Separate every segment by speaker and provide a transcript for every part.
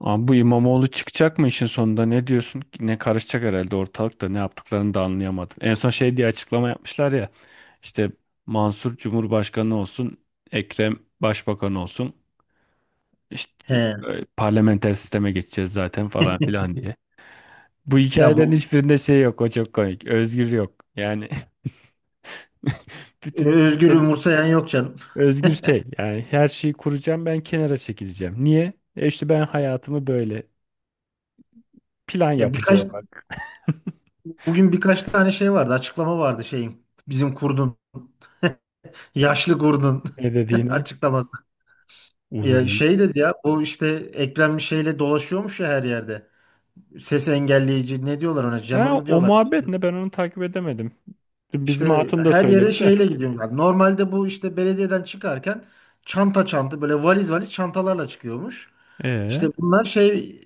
Speaker 1: Abi bu İmamoğlu çıkacak mı işin sonunda, ne diyorsun? Ne karışacak herhalde ortalıkta, ne yaptıklarını da anlayamadım. En son şey diye açıklama yapmışlar ya. İşte Mansur Cumhurbaşkanı olsun, Ekrem Başbakan olsun, işte
Speaker 2: He.
Speaker 1: parlamenter sisteme geçeceğiz zaten falan filan diye. Bu
Speaker 2: Ya
Speaker 1: hikayelerin hiçbirinde şey yok, o çok komik, özgür yok yani. Bütün
Speaker 2: Özgür
Speaker 1: sistemi
Speaker 2: umursayan yok canım.
Speaker 1: özgür şey, yani her şeyi kuracağım ben, kenara çekileceğim. Niye? E işte ben hayatımı böyle plan
Speaker 2: Ya
Speaker 1: yapıcı olarak
Speaker 2: bugün birkaç tane şey vardı. Açıklama vardı şeyin. Bizim kurdun. Yaşlı kurdun.
Speaker 1: ne dediğini.
Speaker 2: Açıklaması.
Speaker 1: Uğur.
Speaker 2: Ya şey dedi ya bu işte Ekrem şeyle dolaşıyormuş ya her yerde. Ses engelleyici ne diyorlar ona? Jammer
Speaker 1: Ha,
Speaker 2: mı
Speaker 1: o
Speaker 2: diyorlar?
Speaker 1: muhabbet ne? Ben onu takip edemedim. Bizim
Speaker 2: İşte
Speaker 1: hatun da
Speaker 2: her yere
Speaker 1: söyledi de.
Speaker 2: şeyle gidiyormuş. Yani normalde bu işte belediyeden çıkarken çanta çanta böyle valiz valiz çantalarla çıkıyormuş. İşte
Speaker 1: Ee,
Speaker 2: bunlar şey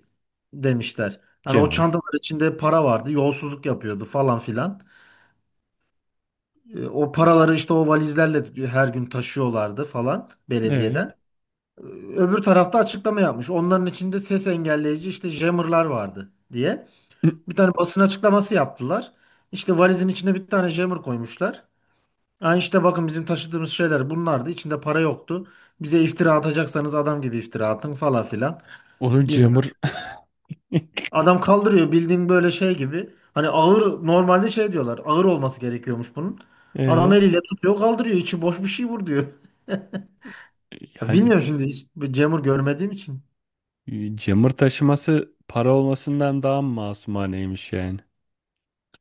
Speaker 2: demişler. Hani o
Speaker 1: Cem'in.
Speaker 2: çantalar içinde para vardı, yolsuzluk yapıyordu falan filan. O paraları işte o valizlerle her gün taşıyorlardı falan
Speaker 1: Ee,
Speaker 2: belediyeden. E, Öbür tarafta açıklama yapmış. Onların içinde ses engelleyici işte jammerlar vardı diye. Bir tane basın açıklaması yaptılar. İşte valizin içine bir tane jammer koymuşlar. Yani işte bakın bizim taşıdığımız şeyler bunlardı. İçinde para yoktu. Bize iftira atacaksanız adam gibi iftira atın falan filan.
Speaker 1: Onun
Speaker 2: Bilmem.
Speaker 1: Cemur.
Speaker 2: Adam kaldırıyor bildiğin böyle şey gibi. Hani ağır normalde şey diyorlar. Ağır olması gerekiyormuş bunun. Adam
Speaker 1: ee,
Speaker 2: eliyle tutuyor kaldırıyor. İçi boş bir şey vur diyor. Ya
Speaker 1: yani
Speaker 2: bilmiyorum şimdi hiç bir Cemur görmediğim için.
Speaker 1: Cemur taşıması para olmasından daha mı masumaneymiş yani.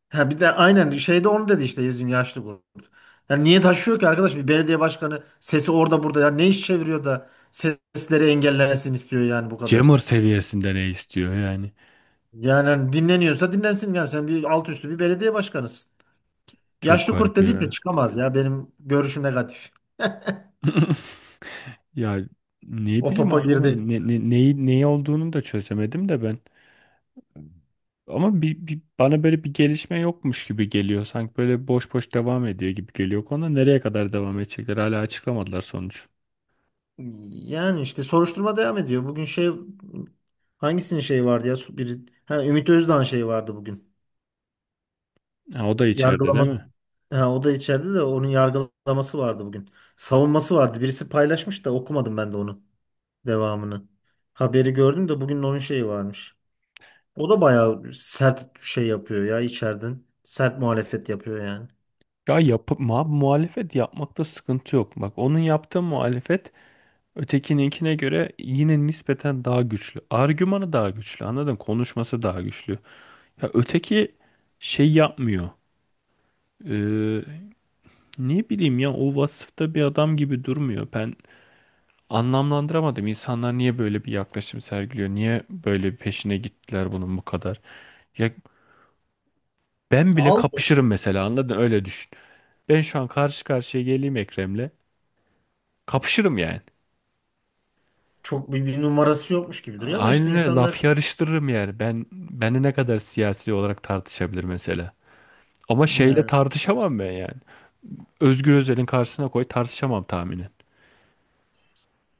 Speaker 2: Ha bir de aynen şeyde onu dedi işte bizim yaşlı kurt. Yani niye taşıyor ki arkadaş? Bir belediye başkanı sesi orada burada ya ne iş çeviriyor da sesleri engellensin istiyor yani, bu kadar.
Speaker 1: Cemur seviyesinde ne istiyor yani?
Speaker 2: Yani hani dinleniyorsa dinlensin, yani sen bir alt üstü bir belediye başkanısın.
Speaker 1: Çok
Speaker 2: Yaşlı kurt
Speaker 1: garip
Speaker 2: dediyse
Speaker 1: ya.
Speaker 2: çıkamaz ya, benim görüşüm negatif.
Speaker 1: Ya ne
Speaker 2: O
Speaker 1: bileyim,
Speaker 2: topa girdi.
Speaker 1: anlamadım. Neyi, neyi olduğunu da çözemedim de ben. Ama bana böyle bir gelişme yokmuş gibi geliyor. Sanki böyle boş boş devam ediyor gibi geliyor konu. Nereye kadar devam edecekler? Hala açıklamadılar sonuç.
Speaker 2: Yani işte soruşturma devam ediyor. Bugün şey, hangisinin şeyi vardı ya? Ümit Özdağ'ın şeyi vardı bugün.
Speaker 1: Ha, o da içeride değil
Speaker 2: Yargılaması.
Speaker 1: mi?
Speaker 2: Ha, o da içeride, de onun yargılaması vardı bugün. Savunması vardı. Birisi paylaşmış da okumadım ben de onu. Devamını. Haberi gördüm de bugün onun şeyi varmış. O da bayağı sert şey yapıyor ya içeriden. Sert muhalefet yapıyor yani.
Speaker 1: Ya yapıp ma muhalefet yapmakta sıkıntı yok. Bak onun yaptığı muhalefet ötekininkine göre yine nispeten daha güçlü. Argümanı daha güçlü. Anladın mı? Konuşması daha güçlü. Ya öteki şey yapmıyor. Ee, ne bileyim ya, o vasıfta bir adam gibi durmuyor. Ben anlamlandıramadım. İnsanlar niye böyle bir yaklaşım sergiliyor? Niye böyle bir peşine gittiler bunun bu kadar? Ya ben bile
Speaker 2: Aldı.
Speaker 1: kapışırım mesela, anladın? Öyle düşün. Ben şu an karşı karşıya geleyim Ekrem'le. Kapışırım yani.
Speaker 2: Çok bir numarası yokmuş gibi duruyor ama işte
Speaker 1: Aynen öyle,
Speaker 2: insanlar,
Speaker 1: laf yarıştırırım yani. Ben beni ne kadar siyasi olarak tartışabilir mesela. Ama şeyle
Speaker 2: yani.
Speaker 1: tartışamam ben yani. Özgür Özel'in karşısına koy, tartışamam tahminen.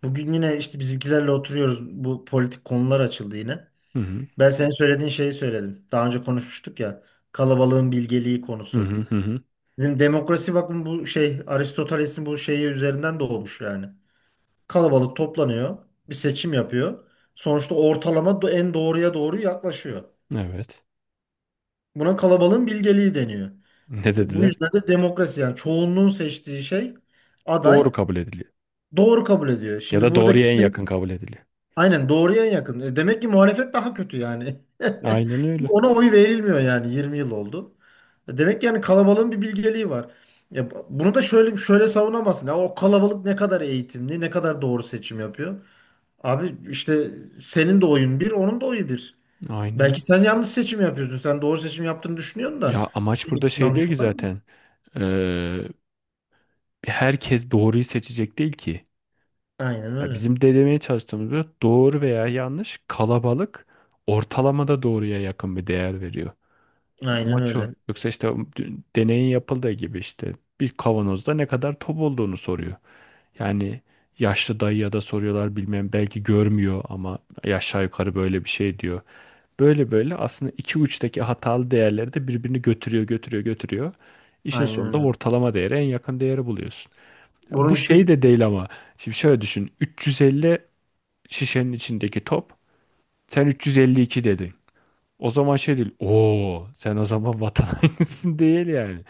Speaker 2: Bugün yine işte bizimkilerle oturuyoruz. Bu politik konular açıldı yine.
Speaker 1: Hı hı.
Speaker 2: Ben senin söylediğin şeyi söyledim. Daha önce konuşmuştuk ya. Kalabalığın bilgeliği
Speaker 1: Hı
Speaker 2: konusu.
Speaker 1: hı hı hı.
Speaker 2: Dedim demokrasi, bakın bu şey Aristoteles'in bu şeyi üzerinden doğmuş yani. Kalabalık toplanıyor. Bir seçim yapıyor. Sonuçta ortalama en doğruya doğru yaklaşıyor.
Speaker 1: Evet.
Speaker 2: Buna kalabalığın bilgeliği deniyor.
Speaker 1: Ne
Speaker 2: Bu
Speaker 1: dediler?
Speaker 2: yüzden de demokrasi, yani çoğunluğun seçtiği şey, aday,
Speaker 1: Doğru kabul ediliyor.
Speaker 2: doğru kabul ediyor.
Speaker 1: Ya
Speaker 2: Şimdi
Speaker 1: da doğruya
Speaker 2: buradaki
Speaker 1: en
Speaker 2: şey,
Speaker 1: yakın kabul ediliyor.
Speaker 2: aynen doğruya yakın. E, demek ki muhalefet daha kötü yani.
Speaker 1: Aynen öyle.
Speaker 2: Ona oy verilmiyor yani. 20 yıl oldu. E, demek ki yani kalabalığın bir bilgeliği var. Ya bunu da şöyle şöyle savunamazsın. Ya o kalabalık ne kadar eğitimli, ne kadar doğru seçim yapıyor. Abi işte senin de oyun bir, onun da oyu bir.
Speaker 1: Aynen
Speaker 2: Belki
Speaker 1: öyle.
Speaker 2: sen yanlış seçim yapıyorsun. Sen doğru seçim yaptığını düşünüyorsun da
Speaker 1: Ya amaç burada
Speaker 2: seninki
Speaker 1: şey değil
Speaker 2: yanlış
Speaker 1: ki
Speaker 2: olan.
Speaker 1: zaten. Ee, herkes doğruyu seçecek değil ki.
Speaker 2: Aynen
Speaker 1: Ya
Speaker 2: öyle.
Speaker 1: bizim de demeye çalıştığımızda doğru veya yanlış, kalabalık ortalamada doğruya yakın bir değer veriyor.
Speaker 2: Aynen
Speaker 1: Amaç o.
Speaker 2: öyle.
Speaker 1: Yoksa işte dün deneyin yapıldığı gibi işte bir kavanozda ne kadar top olduğunu soruyor. Yani yaşlı dayıya da soruyorlar, bilmem belki görmüyor ama aşağı yukarı böyle bir şey diyor. Böyle böyle aslında iki uçtaki hatalı değerleri de birbirini götürüyor, götürüyor, götürüyor. İşin
Speaker 2: Aynen
Speaker 1: sonunda
Speaker 2: öyle.
Speaker 1: ortalama değere en yakın değeri buluyorsun. Ya
Speaker 2: Bunun
Speaker 1: bu
Speaker 2: işte,
Speaker 1: şey de değil ama. Şimdi şöyle düşün. 350 şişenin içindeki top. Sen 352 dedin. O zaman şey değil. Oo, sen o zaman vatan hainisin değil yani.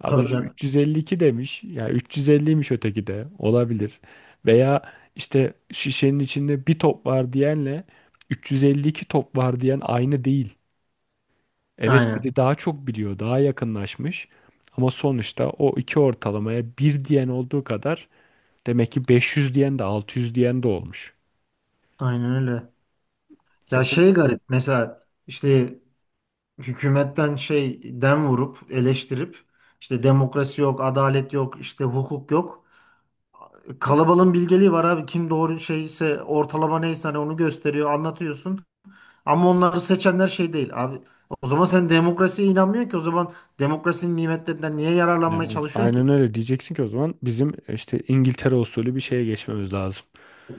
Speaker 1: Ama
Speaker 2: tabii
Speaker 1: adam
Speaker 2: canım.
Speaker 1: 352 demiş. Ya 350'ymiş öteki de. Olabilir. Veya işte şişenin içinde bir top var diyenle 352 top var diyen aynı değil. Evet,
Speaker 2: Aynen.
Speaker 1: biri daha çok biliyor, daha yakınlaşmış. Ama sonuçta o iki ortalamaya bir diyen olduğu kadar demek ki 500 diyen de 600 diyen de olmuş.
Speaker 2: Aynen öyle.
Speaker 1: Ya
Speaker 2: Ya
Speaker 1: bu,
Speaker 2: şey garip mesela, işte hükümetten şey dem vurup eleştirip işte demokrasi yok, adalet yok, işte hukuk yok. Kalabalığın bilgeliği var abi. Kim doğru şeyse, ortalama neyse, hani onu gösteriyor, anlatıyorsun. Ama onları seçenler şey değil abi. O zaman sen demokrasiye inanmıyorsun ki, o zaman demokrasinin nimetlerinden niye yararlanmaya
Speaker 1: yani
Speaker 2: çalışıyorsun ki?
Speaker 1: aynen öyle diyeceksin ki o zaman bizim işte İngiltere usulü bir şeye geçmemiz lazım.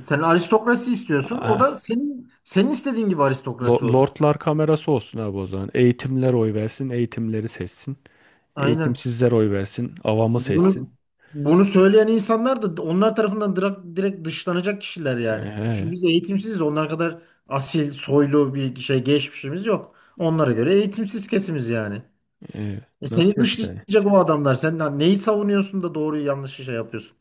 Speaker 2: Sen aristokrasi istiyorsun. O da
Speaker 1: Aa,
Speaker 2: senin istediğin gibi aristokrasi olsun.
Speaker 1: Lordlar kamerası olsun abi o zaman. Eğitimler oy versin, eğitimleri seçsin.
Speaker 2: Aynen.
Speaker 1: Eğitimsizler oy versin, avamı seçsin.
Speaker 2: Bunu bunu söyleyen insanlar da onlar tarafından direkt, direkt dışlanacak kişiler yani. Çünkü
Speaker 1: Ee,
Speaker 2: biz eğitimsiziz. Onlar kadar asil, soylu bir şey geçmişimiz yok. Onlara göre eğitimsiz kesimiz yani.
Speaker 1: e,
Speaker 2: Seni
Speaker 1: nasıl yapacaksın?
Speaker 2: dışlayacak o adamlar. Sen lan neyi savunuyorsun da doğruyu yanlışı şey yapıyorsun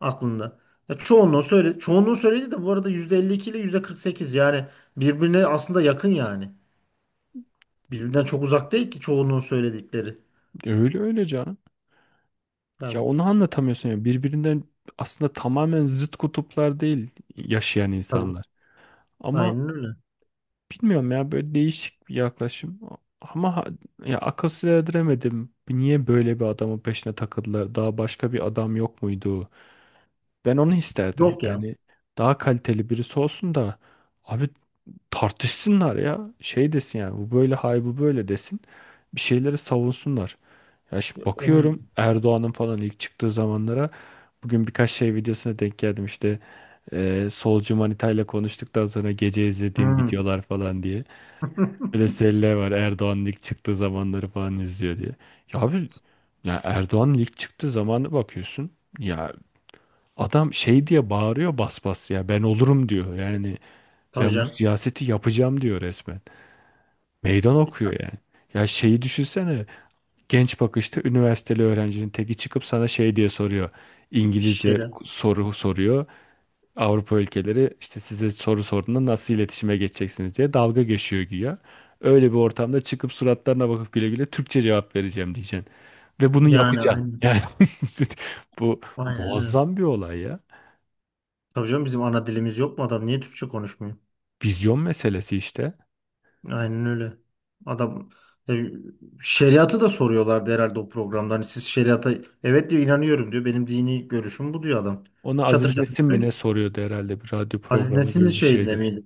Speaker 2: aklında. Ya çoğunluğu söyle, çoğunluğu söyledi de bu arada %52 ile %48 yani birbirine aslında yakın yani. Birbirinden çok uzak değil ki çoğunluğun söyledikleri.
Speaker 1: Öyle öyle canım. Ya
Speaker 2: Yani,
Speaker 1: onu anlatamıyorsun ya. Birbirinden aslında tamamen zıt kutuplar değil yaşayan
Speaker 2: tabii,
Speaker 1: insanlar. Ama
Speaker 2: aynen öyle.
Speaker 1: bilmiyorum ya, böyle değişik bir yaklaşım. Ama ya, akıl sır erdiremedim. Niye böyle bir adamın peşine takıldılar? Daha başka bir adam yok muydu? Ben onu isterdim.
Speaker 2: Yok ya.
Speaker 1: Yani daha kaliteli birisi olsun da abi tartışsınlar ya. Şey desin yani, bu böyle, hay bu böyle desin. Bir şeyleri savunsunlar. Ya şimdi
Speaker 2: O,
Speaker 1: bakıyorum Erdoğan'ın falan ilk çıktığı zamanlara, bugün birkaç şey videosuna denk geldim işte, solcu manitayla konuştuktan sonra gece izlediğim
Speaker 2: hmm.
Speaker 1: videolar falan diye. Böyle selle var, Erdoğan'ın ilk çıktığı zamanları falan izliyor diye. Ya abi, ya Erdoğan'ın ilk çıktığı zamanı bakıyorsun. Ya adam şey diye bağırıyor, bas bas ya ben olurum diyor. Yani
Speaker 2: Tabii
Speaker 1: ben bu
Speaker 2: canım.
Speaker 1: siyaseti yapacağım diyor resmen. Meydan okuyor yani. Ya şeyi düşünsene. Genç bakışta üniversiteli öğrencinin teki çıkıp sana şey diye soruyor. İngilizce
Speaker 2: Şeyle.
Speaker 1: soru soruyor. Avrupa ülkeleri işte size soru sorduğunda nasıl iletişime geçeceksiniz diye dalga geçiyor güya. Öyle bir ortamda çıkıp suratlarına bakıp güle güle Türkçe cevap vereceğim diyeceksin. Ve bunu
Speaker 2: Yani
Speaker 1: yapacaksın.
Speaker 2: aynen.
Speaker 1: Yani bu
Speaker 2: Aynen öyle.
Speaker 1: muazzam bir olay ya.
Speaker 2: Tabii canım, bizim ana dilimiz yok mu adam? Niye Türkçe konuşmuyor?
Speaker 1: Vizyon meselesi işte.
Speaker 2: Aynen öyle. Adam e, şeriatı da soruyorlardı herhalde o programda. Hani siz şeriata, evet diyor, inanıyorum diyor. Benim dini görüşüm bu diyor adam.
Speaker 1: Ona
Speaker 2: Çatır
Speaker 1: Aziz
Speaker 2: çatır
Speaker 1: Nesin mi ne
Speaker 2: söylüyor.
Speaker 1: soruyordu herhalde, bir radyo
Speaker 2: Aziz
Speaker 1: programı
Speaker 2: Nesin'in
Speaker 1: gibi bir
Speaker 2: şeyinde
Speaker 1: şeydi.
Speaker 2: miydi?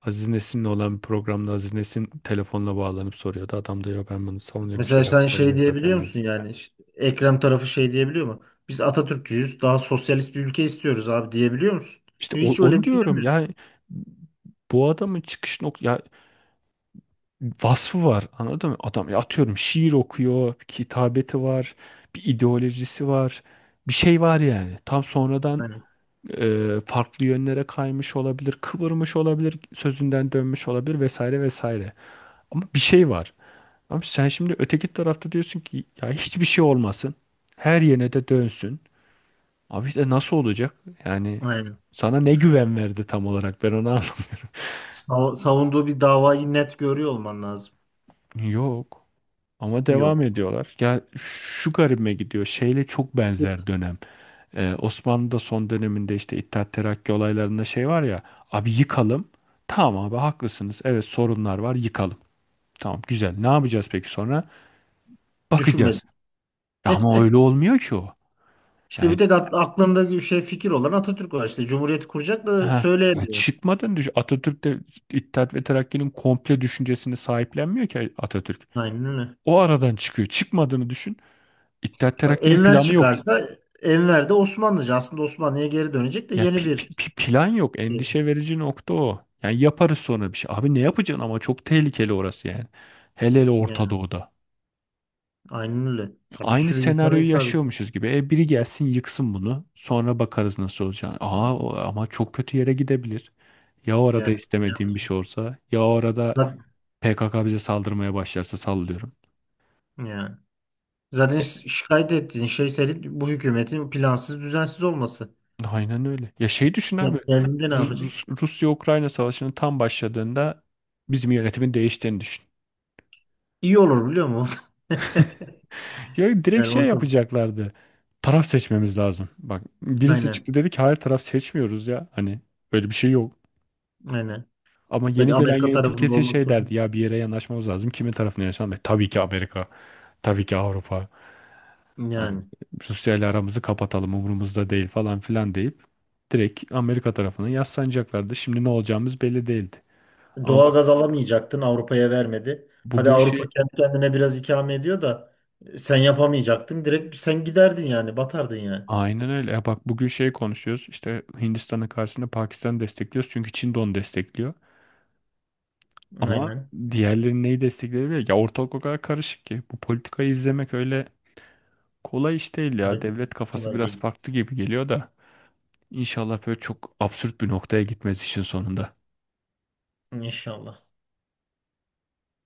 Speaker 1: Aziz Nesin'le olan bir programda Aziz Nesin telefonla bağlanıp soruyordu. Adam diyor ben bunu savunuyorum,
Speaker 2: Mesela sen şey
Speaker 1: savunuyorum zaten
Speaker 2: diyebiliyor
Speaker 1: diyor.
Speaker 2: musun yani? İşte Ekrem tarafı şey diyebiliyor mu? Biz Atatürkçüyüz. Daha sosyalist bir ülke istiyoruz abi, diyebiliyor musun?
Speaker 1: İşte
Speaker 2: Hiç
Speaker 1: onu
Speaker 2: öyle bir şey
Speaker 1: diyorum
Speaker 2: demiyorsun.
Speaker 1: yani. Bu adamın çıkış ya vasfı var, anladın mı? Adam ya atıyorum şiir okuyor, bir kitabeti var, bir ideolojisi var. Bir şey var yani. Tam sonradan
Speaker 2: Aynen.
Speaker 1: farklı yönlere kaymış olabilir, kıvırmış olabilir, sözünden dönmüş olabilir vesaire vesaire. Ama bir şey var. Abi sen şimdi öteki tarafta diyorsun ki ya hiçbir şey olmasın. Her yerine de dönsün. Abi işte nasıl olacak? Yani
Speaker 2: Aynen.
Speaker 1: sana ne güven verdi tam olarak, ben onu anlamadım.
Speaker 2: Savunduğu bir davayı net görüyor olman lazım.
Speaker 1: Yok. Ama devam
Speaker 2: Yok.
Speaker 1: ediyorlar. Ya şu garibime gidiyor. Şeyle çok
Speaker 2: İşte
Speaker 1: benzer dönem. Osmanlı'da son döneminde işte İttihat Terakki olaylarında şey var ya. Abi yıkalım. Tamam abi haklısınız. Evet sorunlar var, yıkalım. Tamam güzel. Ne yapacağız peki sonra?
Speaker 2: düşünmedi.
Speaker 1: Bakacağız. Ya ama öyle olmuyor ki o.
Speaker 2: İşte bir
Speaker 1: Yani
Speaker 2: tek aklında bir şey, fikir olan Atatürk var. İşte Cumhuriyeti kuracak da
Speaker 1: ha, ya
Speaker 2: söyleyemiyor.
Speaker 1: çıkmadan düş. Atatürk de İttihat ve Terakki'nin komple düşüncesini sahiplenmiyor ki Atatürk.
Speaker 2: Aynen öyle.
Speaker 1: O aradan çıkıyor. Çıkmadığını düşün. İttihat Terakki'nin
Speaker 2: Enver
Speaker 1: planı yok.
Speaker 2: çıkarsa, Enver de Osmanlıcı. Aslında Osmanlı'ya geri dönecek de
Speaker 1: Ya
Speaker 2: yeni bir
Speaker 1: plan yok.
Speaker 2: şey.
Speaker 1: Endişe verici nokta o. Yani yaparız sonra bir şey. Abi ne yapacaksın ama, çok tehlikeli orası yani. Hele hele Orta
Speaker 2: Yani,
Speaker 1: Doğu'da.
Speaker 2: aynen öyle. Ya bir
Speaker 1: Aynı
Speaker 2: sürü insana
Speaker 1: senaryoyu
Speaker 2: hitap ediyor.
Speaker 1: yaşıyormuşuz gibi. E biri gelsin yıksın bunu. Sonra bakarız nasıl olacağını. Aa ama çok kötü yere gidebilir. Ya orada
Speaker 2: Yani,
Speaker 1: istemediğim
Speaker 2: yani
Speaker 1: bir şey olsa, ya orada.
Speaker 2: zaten,
Speaker 1: PKK bize saldırmaya başlarsa sallıyorum.
Speaker 2: yani. Zaten şikayet ettiğin şey senin, bu hükümetin plansız düzensiz olması.
Speaker 1: Aynen öyle. Ya şey düşün abi.
Speaker 2: Sen geldiğinde ne yapacaksın?
Speaker 1: Rusya-Ukrayna savaşının tam başladığında bizim yönetimin değiştiğini düşün.
Speaker 2: İyi olur biliyor musun?
Speaker 1: Ya direkt
Speaker 2: Yani
Speaker 1: şey
Speaker 2: ortam.
Speaker 1: yapacaklardı. Taraf seçmemiz lazım. Bak birisi
Speaker 2: Aynen.
Speaker 1: çıktı dedi ki hayır taraf seçmiyoruz ya. Hani böyle bir şey yok.
Speaker 2: Aynen.
Speaker 1: Ama
Speaker 2: Böyle
Speaker 1: yeni gelen
Speaker 2: Amerika
Speaker 1: yönetim
Speaker 2: tarafında
Speaker 1: kesin
Speaker 2: olmak
Speaker 1: şey
Speaker 2: zorunda.
Speaker 1: derdi. Ya bir yere yanaşmamız lazım. Kimin tarafına yanaşalım? E, tabii ki Amerika. Tabii ki Avrupa. Hani
Speaker 2: Yani.
Speaker 1: Rusya ile aramızı kapatalım, umurumuzda değil falan filan deyip direkt Amerika tarafına yaslanacaklardı. Şimdi ne olacağımız belli değildi. Ama bak
Speaker 2: Doğalgaz alamayacaktın. Avrupa'ya vermedi. Hadi
Speaker 1: bugün şey,
Speaker 2: Avrupa kendi kendine biraz ikame ediyor da sen yapamayacaktın. Direkt sen giderdin yani. Batardın yani.
Speaker 1: aynen öyle. Ya bak bugün şey konuşuyoruz. İşte Hindistan'ın karşısında Pakistan destekliyoruz. Çünkü Çin de onu destekliyor. Ama
Speaker 2: Aynen.
Speaker 1: diğerleri neyi destekleyebilir? Ya ortalık o kadar karışık ki. Bu politikayı izlemek öyle kolay iş değil ya.
Speaker 2: Kolay,
Speaker 1: Devlet kafası
Speaker 2: kolay
Speaker 1: biraz
Speaker 2: değil.
Speaker 1: farklı gibi geliyor da. İnşallah böyle çok absürt bir noktaya gitmez işin sonunda.
Speaker 2: İnşallah.